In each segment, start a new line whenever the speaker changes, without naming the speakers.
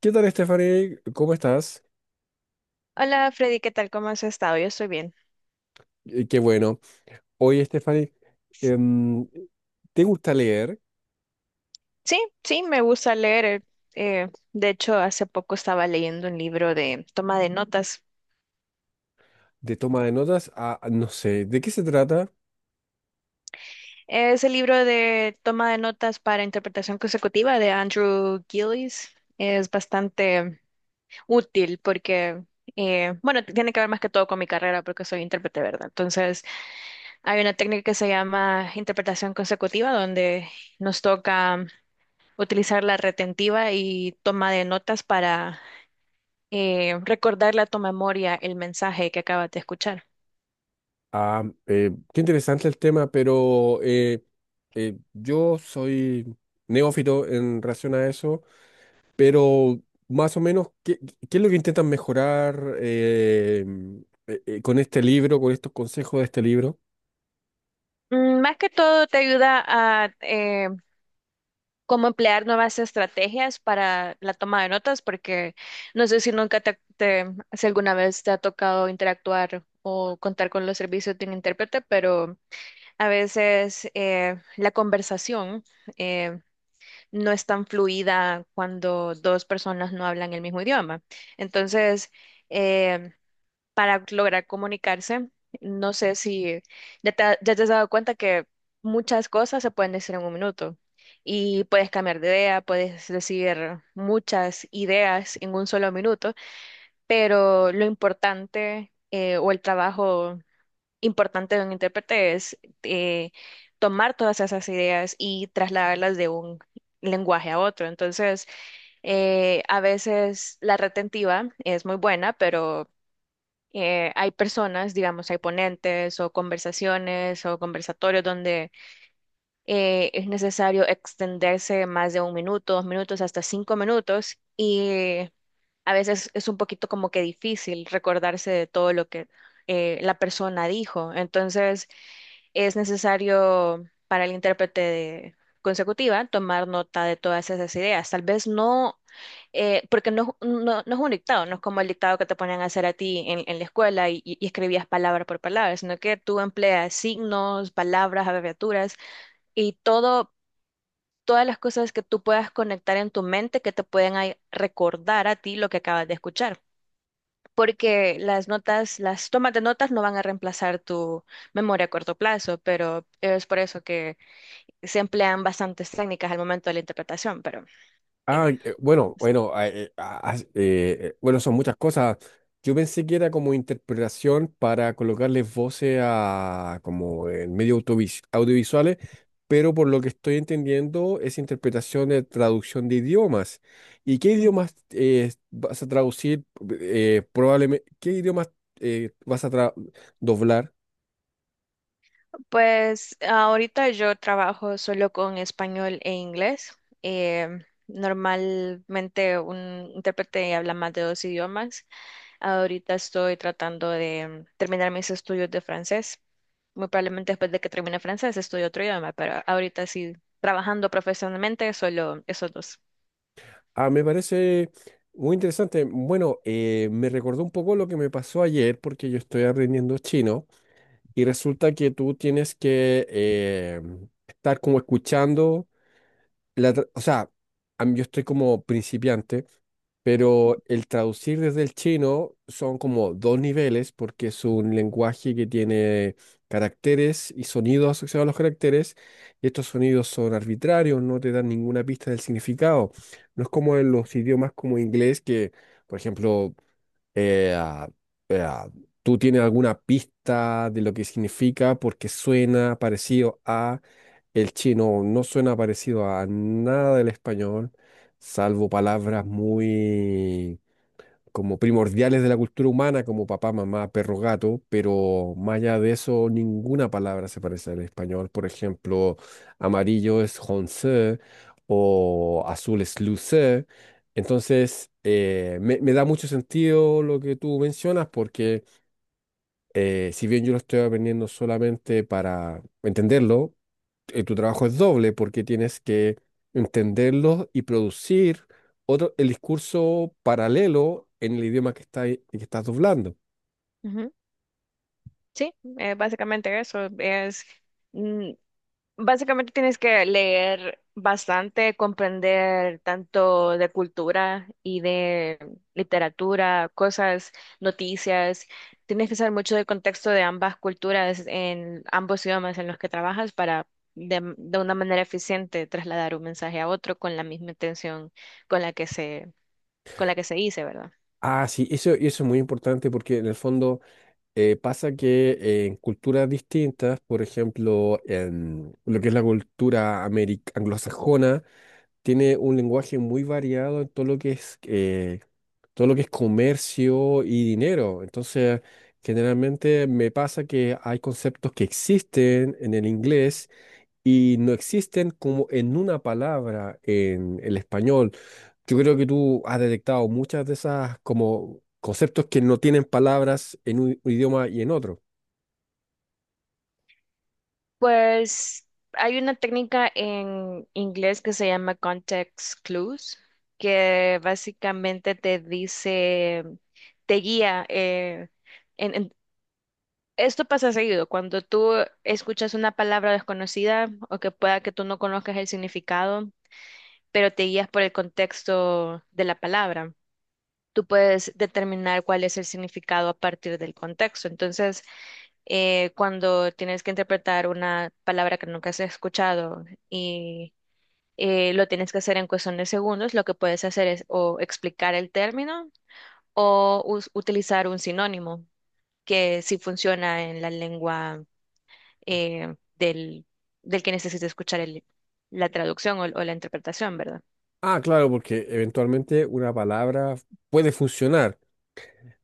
¿Qué tal, Stephanie? ¿Cómo estás?
Hola Freddy, ¿qué tal? ¿Cómo has estado? Yo estoy bien.
Qué bueno. Oye, Stephanie, em, ¿te gusta leer
Sí, sí, me gusta leer. De hecho, hace poco estaba leyendo un libro de toma de notas.
de toma de notas? Ah, no sé, ¿de qué se trata?
Es el libro de toma de notas para interpretación consecutiva de Andrew Gillies. Es bastante útil porque, bueno, tiene que ver más que todo con mi carrera porque soy intérprete, ¿verdad? Entonces, hay una técnica que se llama interpretación consecutiva donde nos toca utilizar la retentiva y toma de notas para recordar la tu memoria el mensaje que acabas de escuchar.
Ah, qué interesante el tema, pero yo soy neófito en relación a eso. Pero más o menos, ¿qué es lo que intentan mejorar con este libro, con estos consejos de este libro?
Más que todo te ayuda a cómo emplear nuevas estrategias para la toma de notas, porque no sé si nunca si alguna vez te ha tocado interactuar o contar con los servicios de un intérprete, pero a veces la conversación eh, no es tan fluida cuando dos personas no hablan el mismo idioma. Entonces, eh, para lograr comunicarse. No sé si ya ya te has dado cuenta que muchas cosas se pueden decir en un minuto y puedes cambiar de idea, puedes decir muchas ideas en un solo minuto, pero lo importante o el trabajo importante de un intérprete es eh, tomar todas esas ideas y trasladarlas de un lenguaje a otro. Entonces, a veces la retentiva es muy buena, pero hay personas, digamos, hay ponentes o conversaciones o conversatorios donde es necesario extenderse más de un minuto, dos minutos, hasta cinco minutos y a veces es un poquito como que difícil recordarse de todo lo que la persona dijo. Entonces, es necesario para el consecutiva tomar nota de todas esas ideas. Tal vez no, porque no es un dictado, no es como el dictado que te ponían a hacer a ti en la escuela y escribías palabra por palabra, sino que tú empleas signos, palabras, abreviaturas y todo. Todas las cosas que tú puedas conectar en tu mente que te pueden recordar a ti lo que acabas de escuchar porque las notas, las tomas de notas no van a reemplazar tu memoria a corto plazo, pero es por eso que se emplean bastantes técnicas al momento de la interpretación, pero eh,
Ah,
no
bueno,
sé.
bueno, son muchas cosas. Yo pensé que era como interpretación para colocarle voces a como en medios audiovisuales, pero por lo que estoy entendiendo es interpretación de traducción de idiomas. ¿Y qué
Ujú.
idiomas vas a traducir? Probablemente, ¿qué idiomas vas a doblar?
Pues ahorita yo trabajo solo con español e inglés. eh, Normalmente un intérprete habla más de dos idiomas. Ahorita estoy tratando de terminar mis estudios de francés. Muy probablemente después de que termine francés estudio otro idioma, pero ahorita sí, trabajando profesionalmente, solo esos dos.
Ah, me parece muy interesante. Bueno, me recordó un poco lo que me pasó ayer porque yo estoy aprendiendo chino. Y resulta que tú tienes que estar como escuchando, o sea, yo estoy como principiante, pero el traducir desde el chino son como dos niveles porque es un lenguaje que tiene caracteres y sonidos asociados a los caracteres, y estos sonidos son arbitrarios, no te dan ninguna pista del significado. No es como en los idiomas como inglés que, por ejemplo, eh, ¿tú tienes alguna pista de lo que significa? Porque suena parecido a el chino, no suena parecido a nada del español, salvo palabras muy como primordiales de la cultura humana, como papá, mamá, perro, gato, pero más allá de eso, ninguna palabra se parece al español. Por ejemplo, amarillo es honcé o azul es lucé. Entonces, me da mucho sentido lo que tú mencionas porque... Si bien yo lo estoy aprendiendo solamente para entenderlo, tu trabajo es doble porque tienes que entenderlo y producir otro, el discurso paralelo en el idioma que estás doblando.
Ujú. Sí, básicamente eso es. mm, Básicamente tienes que leer bastante, comprender tanto de cultura y de literatura, cosas, noticias. Tienes que saber mucho del contexto de ambas culturas en ambos idiomas en los que trabajas para de una manera eficiente trasladar un mensaje a otro con la misma intención con la que con la que se dice, ¿verdad?
Ah, sí, eso, y eso es muy importante porque en el fondo pasa que en culturas distintas, por ejemplo, en lo que es la cultura anglosajona, tiene un lenguaje muy variado en todo lo que es todo lo que es comercio y dinero. Entonces, generalmente me pasa que hay conceptos que existen en el inglés y no existen como en una palabra en el español. Yo creo que tú has detectado muchas de esas como conceptos que no tienen palabras en un idioma y en otro.
Pues hay una técnica en inglés que se llama context clues, que básicamente te dice, te guía. En, en- Esto pasa seguido, cuando tú escuchas una palabra desconocida o que pueda que tú no conozcas el significado, pero te guías por el contexto de la palabra. Tú puedes determinar cuál es el significado a partir del contexto. Entonces, cuando tienes que interpretar una palabra que nunca has escuchado y lo tienes que hacer en cuestión de segundos, lo que puedes hacer es o explicar el término o utilizar un sinónimo que sí funciona en la lengua eh, del, del que necesita escuchar la traducción o la interpretación, ¿verdad?
Ah, claro, porque eventualmente una palabra puede funcionar.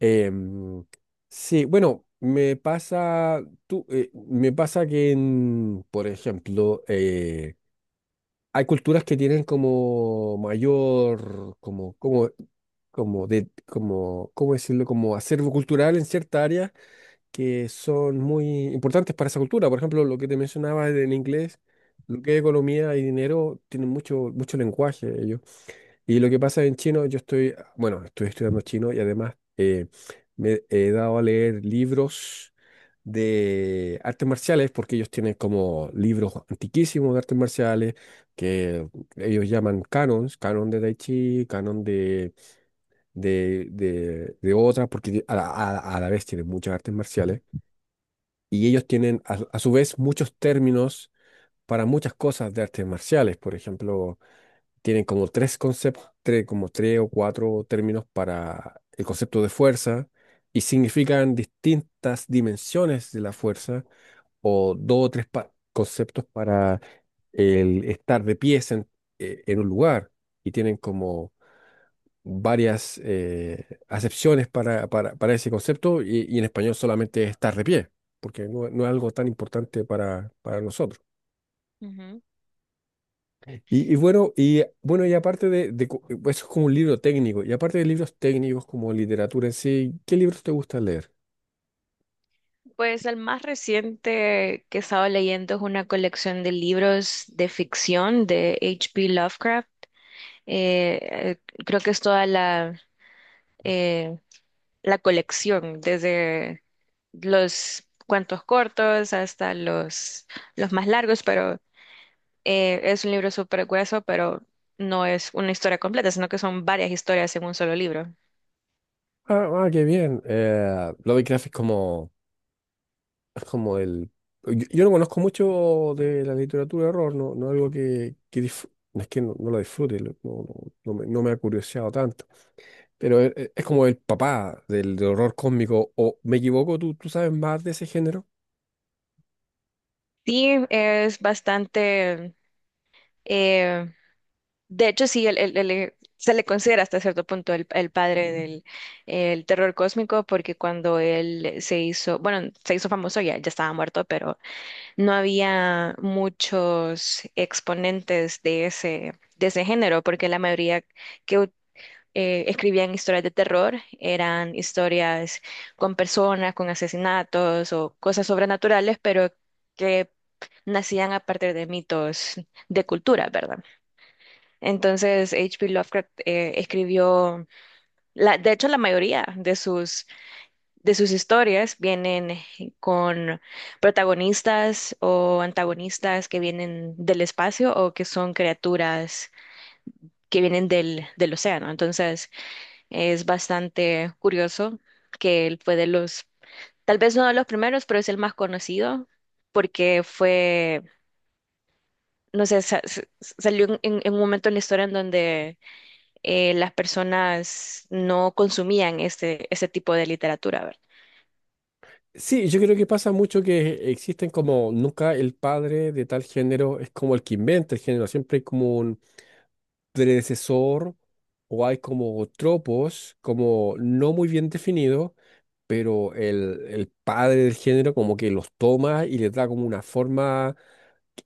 Em, sí, bueno, me pasa, me pasa que, por ejemplo, hay culturas que tienen como mayor, ¿cómo decirlo? Como acervo cultural en ciertas áreas que son muy importantes para esa cultura. Por ejemplo, lo que te mencionaba en inglés, lo que es economía y dinero, tienen mucho, mucho lenguaje ellos. Y lo que pasa en chino, yo estoy, bueno, estoy estudiando chino y además me he dado a leer libros de artes marciales, porque ellos tienen como libros antiquísimos de artes marciales, que ellos llaman canons, canon de Tai Chi, canon de, de otras, porque a la vez tienen muchas artes marciales. Y ellos tienen a su vez muchos términos para muchas cosas de artes marciales. Por ejemplo, tienen como tres conceptos, como tres o cuatro términos para el concepto de fuerza y significan distintas dimensiones de la fuerza o dos o tres conceptos para el estar de pies en un lugar y tienen como varias acepciones para, para ese concepto y en español solamente es estar de pie, porque no, no es algo tan importante para nosotros.
Ujú.
Y bueno, y aparte de, eso es como un libro técnico, y aparte de libros técnicos como literatura en sí, ¿qué libros te gusta leer?
Pues el más reciente que estaba leyendo es una colección de libros de ficción de H P Lovecraft. eh, Creo que es toda eh, la colección, desde los cuentos cortos hasta los más largos, pero es un libro súper grueso, pero no es una historia completa, sino que son varias historias en un solo libro.
Ah, ah, qué bien. Lovecraft es como el... yo no conozco mucho de la literatura de horror, no, no algo que, no es que no lo disfrute, no me, no me ha curioseado tanto, pero es, como el papá del, del horror cósmico, o me equivoco, ¿tú sabes más de ese género?
Sí, es bastante, eh, de hecho sí, se le considera hasta cierto punto el padre del el terror cósmico, porque cuando él se hizo, bueno, se hizo famoso ya, ya estaba muerto, pero no había muchos exponentes de de ese género, porque la mayoría que escribían historias de terror eran historias con personas, con asesinatos o cosas sobrenaturales, pero que nacían a partir de mitos de cultura, ¿verdad? Entonces, H P Lovecraft escribió, la, de hecho, la mayoría de sus historias vienen con protagonistas o antagonistas que vienen del espacio o que son criaturas que vienen del, del océano. Entonces es bastante curioso que él fue de tal vez no de los primeros, pero es el más conocido porque fue, no sé, salió en, en un momento en la historia en donde las personas no consumían este, ese tipo de literatura,
Sí, yo creo que pasa mucho que existen como nunca el padre de tal género es como el que inventa el género, siempre hay como un predecesor o hay como tropos como no muy bien definidos, pero el padre del género como que los toma y les da como una forma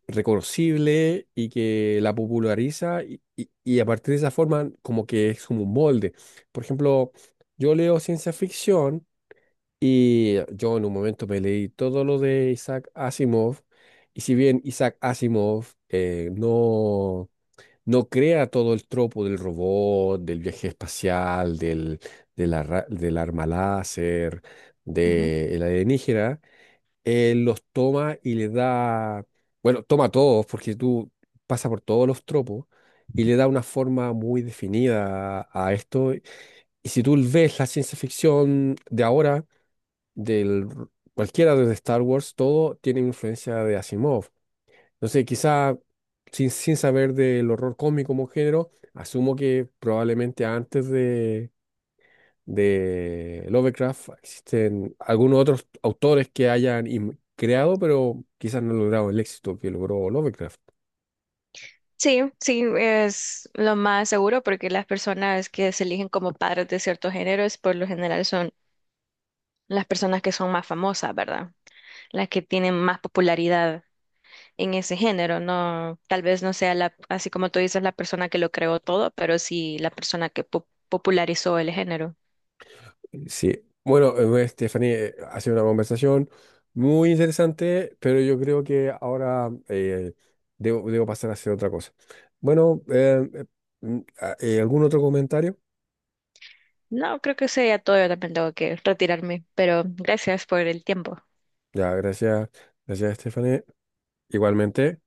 reconocible y que la populariza y a partir de esa forma como que es como un molde. Por ejemplo, yo leo ciencia ficción y yo en un momento me leí todo lo de Isaac Asimov, y si bien Isaac Asimov no crea todo el tropo del robot, del viaje espacial, del, del arma láser,
¿verdad?
del alienígena, él los toma y le da, bueno, toma todos, porque tú pasas por todos los tropos, y le da una forma muy definida a esto. Y si tú ves la ciencia ficción de ahora, del cualquiera de Star Wars, todo tiene influencia de Asimov. Entonces, quizá sin saber del horror cósmico como género, asumo que probablemente antes de Lovecraft existen algunos otros autores que creado, pero quizás no han logrado el éxito que logró Lovecraft.
Sí, sí, es lo más seguro porque las personas que se eligen como padres de ciertos géneros, por lo general son las personas que son más famosas, ¿verdad? Las que tienen más popularidad en ese género, no, tal vez no sea la, así como tú dices, la persona que lo creó todo, pero sí la persona que popularizó el género.
Sí, bueno, pues, Stephanie, ha sido una conversación muy interesante, pero yo creo que ahora debo pasar a hacer otra cosa. Bueno, ¿algún otro comentario?
No, creo que sea todo, yo también tengo que retirarme, pero gracias por el tiempo.
Ya, gracias, gracias, Stephanie. Igualmente.